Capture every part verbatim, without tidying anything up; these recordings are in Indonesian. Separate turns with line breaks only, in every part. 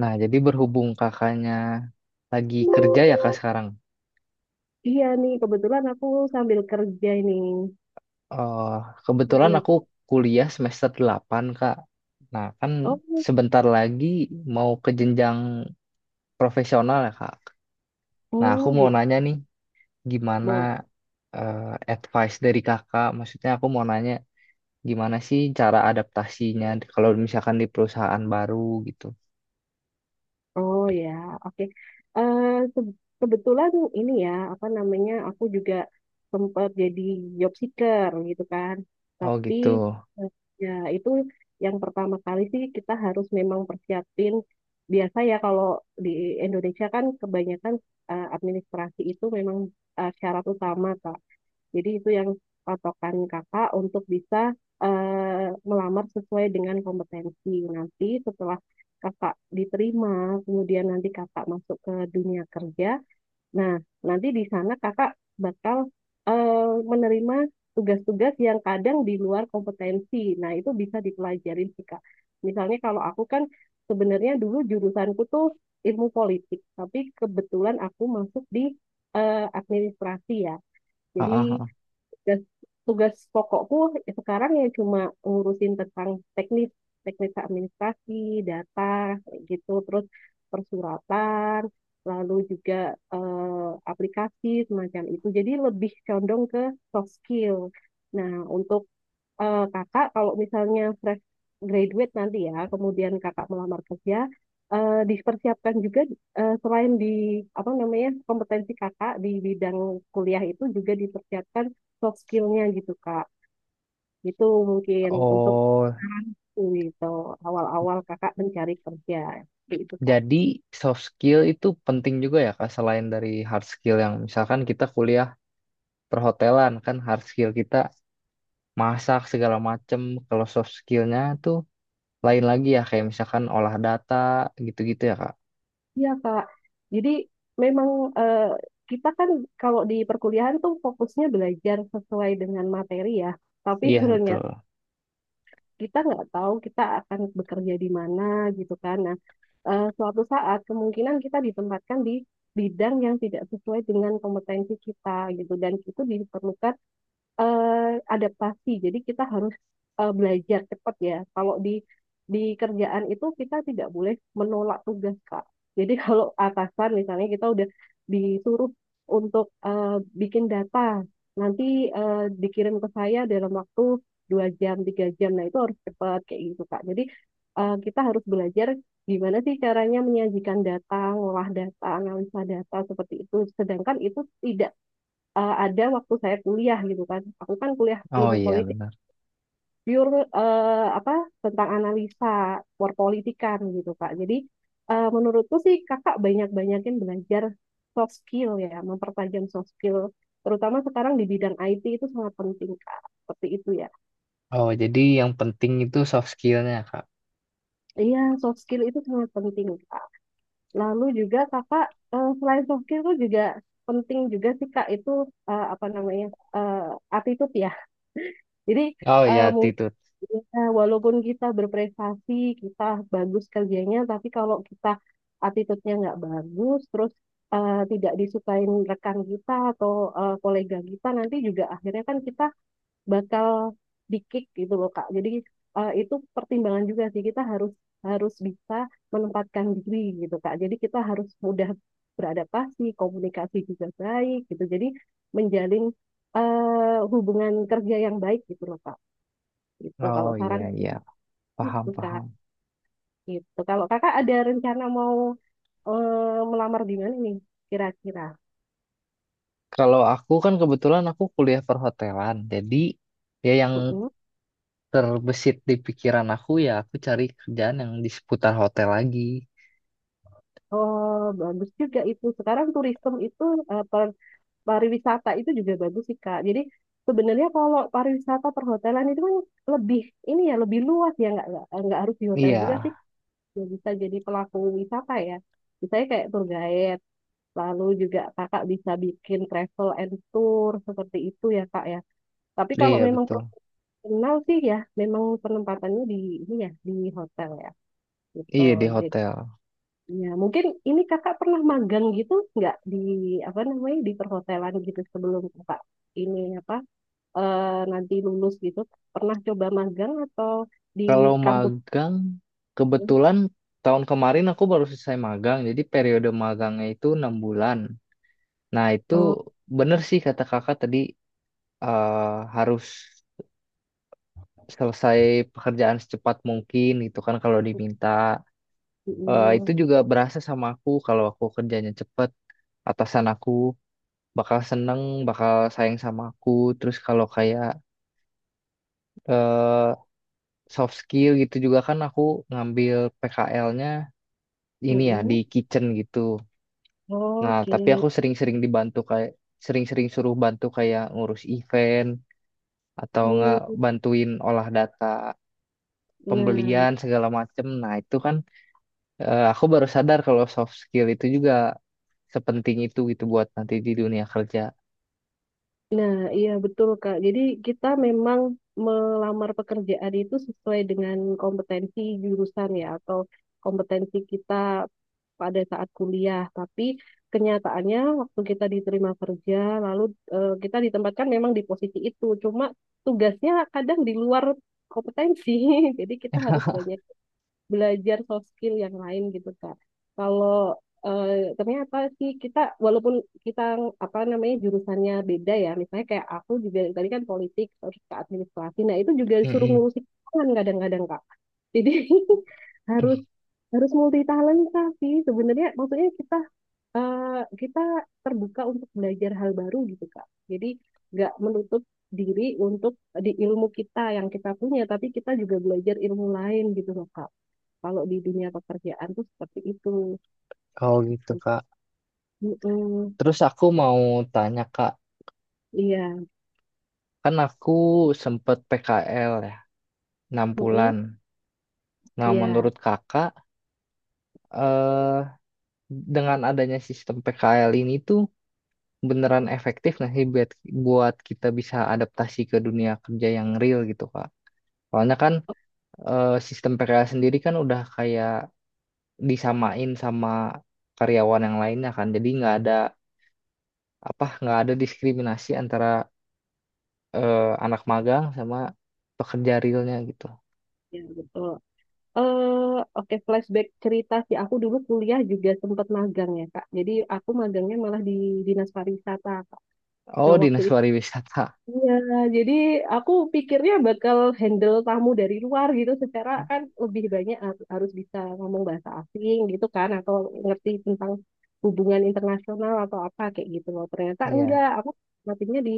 Nah, jadi berhubung kakaknya lagi kerja ya kak sekarang.
Iya nih, kebetulan aku sambil kerja ini.
Eh Kebetulan
Gimana?
aku kuliah semester delapan kak. Nah, kan
Oh,
sebentar lagi mau ke jenjang profesional ya kak. Nah, aku
oh
mau
gitu.
nanya nih gimana
Bo-
eh, advice dari kakak. Maksudnya aku mau nanya gimana sih cara adaptasinya kalau misalkan di perusahaan baru gitu.
Oh ya, oke. Eh, se- kebetulan ini ya, apa namanya, aku juga sempat jadi job seeker gitu kan.
Oh
Tapi
gitu.
eh, ya itu yang pertama kali sih kita harus memang persiapin. Biasa ya kalau di Indonesia kan kebanyakan eh, administrasi itu memang eh, syarat utama kan. Jadi itu yang patokan kakak untuk bisa eh, melamar sesuai dengan kompetensi. Nanti setelah kakak diterima, kemudian nanti kakak masuk ke dunia kerja. Nah, nanti di sana kakak bakal eh, menerima tugas-tugas yang kadang di luar kompetensi. Nah, itu bisa dipelajarin sih, Kak. Misalnya kalau aku kan sebenarnya dulu jurusanku tuh ilmu politik, tapi kebetulan aku masuk di eh, administrasi ya.
Ah, ah,
Jadi
ah.
tugas tugas pokokku ya sekarang ya cuma ngurusin tentang teknis teknis administrasi data kayak gitu terus persuratan lalu juga eh, aplikasi semacam itu jadi lebih condong ke soft skill. Nah, untuk eh, kakak kalau misalnya fresh graduate nanti ya, kemudian kakak melamar kerja, eh, dipersiapkan juga eh, selain di apa namanya kompetensi kakak di bidang kuliah itu juga dipersiapkan soft skillnya gitu kak. Itu mungkin untuk
Oh,
gitu awal-awal kakak mencari kerja gitu kak.
jadi soft skill itu penting juga ya Kak, selain dari hard skill yang misalkan kita kuliah perhotelan kan hard skill kita masak segala macem. Kalau soft skillnya tuh lain lagi ya kayak misalkan olah data gitu-gitu ya Kak.
Iya kak. Jadi memang eh, kita kan kalau di perkuliahan tuh fokusnya belajar sesuai dengan materi ya. Tapi
Iya
sebenarnya
betul.
kita nggak tahu kita akan bekerja di mana gitu kan. Nah, eh, suatu saat kemungkinan kita ditempatkan di bidang yang tidak sesuai dengan kompetensi kita gitu dan itu diperlukan eh, adaptasi. Jadi kita harus eh, belajar cepat ya. Kalau di di kerjaan itu kita tidak boleh menolak tugas, Kak. Jadi kalau atasan misalnya kita udah disuruh untuk eh, bikin data, nanti eh, dikirim ke saya dalam waktu dua jam, tiga jam. Nah itu harus cepat kayak gitu, Kak. Jadi eh, kita harus belajar gimana sih caranya menyajikan data, ngolah data, analisa data seperti itu. Sedangkan itu tidak eh, ada waktu saya kuliah gitu kan. Aku kan kuliah
Oh
ilmu
iya
politik
benar.
pure eh, apa tentang analisa perpolitikan gitu Kak. Jadi eh, menurutku sih Kakak banyak-banyakin belajar soft skill ya, mempertajam soft skill. Terutama sekarang di bidang I T itu sangat penting Kak. Seperti itu ya.
Oh jadi yang penting itu soft skillnya Kak.
Iya, soft skill itu sangat penting Kak. Lalu juga Kakak eh, selain soft skill itu juga penting juga sih Kak itu eh, apa namanya? eh, attitude ya. Jadi
Oh iya
eh, mungkin
attitude.
ya, walaupun kita berprestasi, kita bagus kerjanya, tapi kalau kita attitude-nya nggak bagus, terus eh, tidak disukain rekan kita atau eh, kolega kita, nanti juga akhirnya kan kita bakal di-kick gitu loh, Kak. Jadi eh, itu pertimbangan juga sih, kita harus harus bisa menempatkan diri gitu, Kak. Jadi kita harus mudah beradaptasi, komunikasi juga baik gitu. Jadi menjalin eh, hubungan kerja yang baik gitu loh, Kak. Gitu,
Oh
kalau
iya
saran.
iya paham
Gitu, Kak.
paham.
Gitu. Kalau kakak ada rencana mau eh, melamar di mana nih kira-kira?
Kalau aku kan kebetulan aku kuliah perhotelan jadi ya yang
Mm-mm.
terbesit di pikiran aku ya aku cari kerjaan yang di seputar hotel lagi.
Oh, bagus juga itu. Sekarang turisme itu, eh, per- pariwisata itu juga bagus sih, Kak. Jadi sebenarnya kalau pariwisata perhotelan itu kan lebih, ini ya, lebih luas ya. Nggak, nggak, nggak harus di hotel
Iya,
juga sih. Ya, bisa jadi pelaku wisata ya. Misalnya kayak tour guide. Lalu juga kakak bisa bikin travel and tour seperti itu ya, Kak ya. Tapi kalau
iya
memang
betul.
kenal sih ya, memang penempatannya di ini ya di hotel ya gitu.
Iya di
Jadi,
hotel.
ya mungkin ini kakak pernah magang gitu nggak di apa namanya di perhotelan gitu sebelum kakak ini apa eh, nanti lulus gitu pernah coba magang atau
Kalau
di kampus?
magang, kebetulan tahun kemarin aku baru selesai magang, jadi periode magangnya itu enam bulan. Nah itu
Oh,
bener sih kata kakak tadi eh, harus selesai pekerjaan secepat mungkin gitu kan kalau diminta. Eh, itu
mm,
juga berasa sama aku kalau aku kerjanya cepet atasan aku bakal seneng, bakal sayang sama aku. Terus kalau kayak eh, soft skill gitu juga kan aku ngambil P K L-nya
mm,
ini ya di
mm.
kitchen gitu. Nah,
Oke.
tapi aku sering-sering dibantu kayak sering-sering suruh bantu kayak ngurus event atau nggak
Hmm.
bantuin olah data
Nah.
pembelian segala macem. Nah, itu kan eh, aku baru sadar kalau soft skill itu juga sepenting itu gitu buat nanti di dunia kerja.
Nah, iya betul Kak. Jadi kita memang melamar pekerjaan itu sesuai dengan kompetensi jurusan ya atau kompetensi kita pada saat kuliah. Tapi kenyataannya waktu kita diterima kerja, lalu eh, kita ditempatkan memang di posisi itu. Cuma tugasnya kadang di luar kompetensi. Jadi kita harus banyak belajar soft skill yang lain gitu Kak. Kalau eh, ternyata sih kita walaupun kita apa namanya jurusannya beda ya, misalnya kayak aku juga tadi kan politik terus ke administrasi, nah itu juga disuruh
Mm-mm.
ngurusin tangan kadang-kadang Kak. Jadi harus harus multi talenta sih sebenarnya maksudnya kita eh, kita terbuka untuk belajar hal baru gitu Kak. Jadi nggak menutup diri untuk di ilmu kita yang kita punya, tapi kita juga belajar ilmu lain gitu loh Kak. Kalau di dunia pekerjaan tuh seperti itu.
Oh gitu Kak.
Mm-mm.
Terus aku mau tanya Kak,
Iya.
kan aku sempet P K L ya, enam
Mm-mm.
bulan. Nah,
Iya.
menurut Kakak, eh, dengan adanya sistem P K L ini tuh beneran efektif nggak sih buat, buat kita bisa adaptasi ke dunia kerja yang real gitu Kak? Soalnya kan
Oh,
eh, sistem P K L sendiri kan udah kayak disamain sama karyawan yang lainnya kan, jadi nggak ada apa, nggak ada diskriminasi antara eh, anak magang sama pekerja realnya gitu.
iya betul. Eh, oke flashback cerita sih. Aku dulu kuliah juga sempat magang ya Kak. Jadi aku magangnya malah di Dinas Pariwisata Kak. Nah
Oh,
waktu.
Dinas Pariwisata.
Iya, jadi aku pikirnya bakal handle tamu dari luar gitu secara kan lebih banyak har- harus bisa ngomong bahasa asing gitu kan atau ngerti tentang hubungan internasional atau apa kayak gitu loh. Ternyata enggak,
Iya.
aku matinya di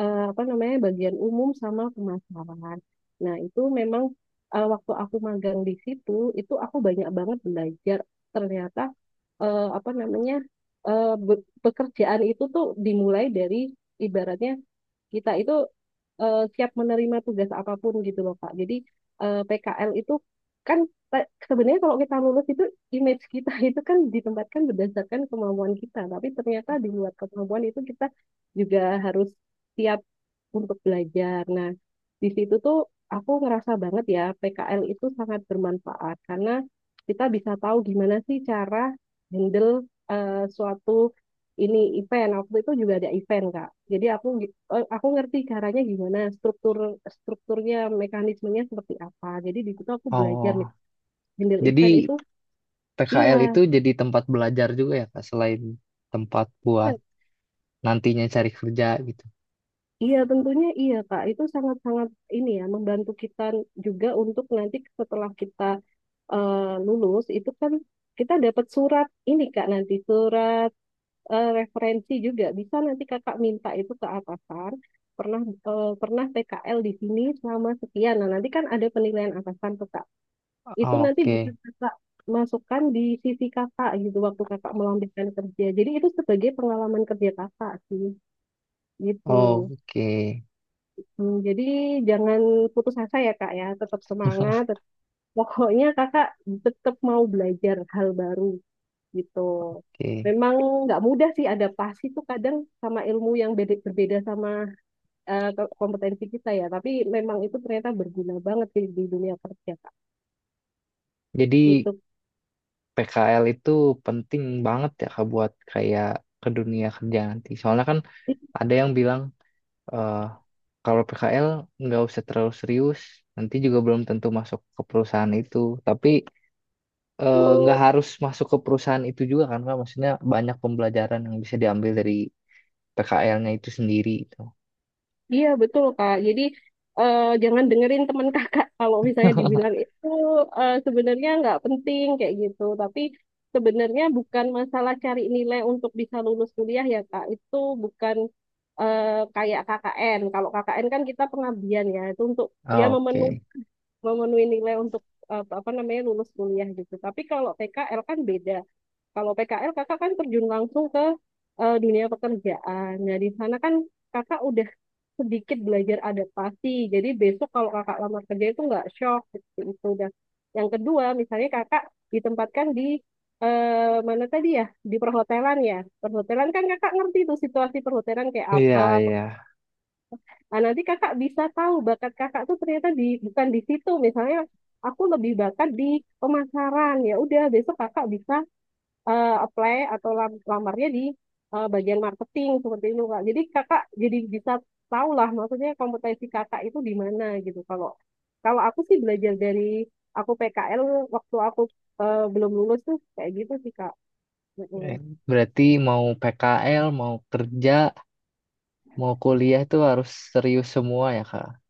eh, apa namanya bagian umum sama pemasaran. Nah, itu memang eh, waktu aku magang di situ itu aku banyak banget belajar ternyata eh, apa namanya eh, be- pekerjaan itu tuh dimulai dari ibaratnya kita itu eh, siap menerima tugas apapun gitu loh Kak. Jadi eh, P K L itu kan ta- sebenarnya kalau kita lulus itu image kita itu kan ditempatkan berdasarkan kemampuan kita, tapi ternyata di luar kemampuan itu kita juga harus siap untuk belajar. Nah, di situ tuh aku ngerasa banget ya P K L itu sangat bermanfaat karena kita bisa tahu gimana sih cara handle eh, suatu ini event. Waktu itu juga ada event, Kak. Jadi aku oh, aku ngerti caranya gimana, struktur strukturnya, mekanismenya seperti apa. Jadi di situ aku belajar nih,
Oh,
handle
jadi
event itu
P K L itu
iya,
jadi tempat belajar juga ya, Kak, selain tempat buat
dan
nantinya cari kerja gitu.
iya tentunya iya Kak. Itu sangat-sangat ini ya membantu kita juga untuk nanti setelah kita eh, lulus itu kan kita dapat surat ini Kak nanti surat eh, referensi juga bisa nanti Kakak minta itu ke atasan. pernah eh, pernah P K L di sini selama sekian. Nah, nanti kan ada penilaian atasan tuh Kak. Itu
Oh,
nanti bisa
oke.
kakak masukkan di sisi kakak gitu waktu kakak melamar kerja. Jadi itu sebagai pengalaman kerja kakak sih
Oh,
gitu.
oke.
Hmm, jadi jangan putus asa ya kak ya, tetap semangat. tet- Pokoknya kakak tetap mau belajar hal baru gitu.
Oke.
Memang nggak mudah sih adaptasi tuh kadang sama ilmu yang beda- berbeda sama eh, ke- kompetensi kita ya. Tapi memang itu ternyata berguna banget di, di dunia kerja kak.
Jadi
Gitu.
P K L itu penting banget ya Kak, buat kayak ke dunia kerja nanti. Soalnya kan ada yang bilang eh kalau P K L nggak usah terlalu serius, nanti juga belum tentu masuk ke perusahaan itu. Tapi eh, nggak harus masuk ke perusahaan itu juga kan Kak? Maksudnya banyak pembelajaran yang bisa diambil dari P K L-nya itu sendiri itu.
Iya betul Kak. Jadi eh, jangan dengerin teman kakak kalau misalnya dibilang itu eh, sebenarnya nggak penting kayak gitu. Tapi sebenarnya bukan masalah cari nilai untuk bisa lulus kuliah ya Kak. Itu bukan eh, kayak K K N. Kalau K K N kan kita pengabdian ya. Itu untuk ya memenu-
Oke.
memenuhi nilai untuk eh, apa namanya lulus kuliah gitu. Tapi kalau P K L kan beda. Kalau P K L kakak kan terjun langsung ke eh, dunia pekerjaan. Nah di sana kan kakak udah sedikit belajar adaptasi. Jadi besok kalau kakak lamar kerja itu nggak shock gitu, itu udah yang kedua misalnya kakak ditempatkan di eh, mana tadi ya di perhotelan ya perhotelan kan kakak ngerti tuh situasi perhotelan kayak
Iya,
apa.
iya.
Nah, nanti kakak bisa tahu bakat kakak tuh ternyata di bukan di situ misalnya aku lebih bakat di pemasaran ya udah besok kakak bisa eh, apply atau lam- lamarnya di eh, bagian marketing seperti itu kak. Jadi kakak jadi bisa tahu lah maksudnya kompetensi kakak itu di mana gitu. Kalau kalau aku sih belajar dari aku P K L waktu aku eh, belum lulus tuh kayak gitu sih kak.
Eh,
Mm-mm.
Berarti mau P K L, mau kerja, mau kuliah itu harus serius semua ya, Kak?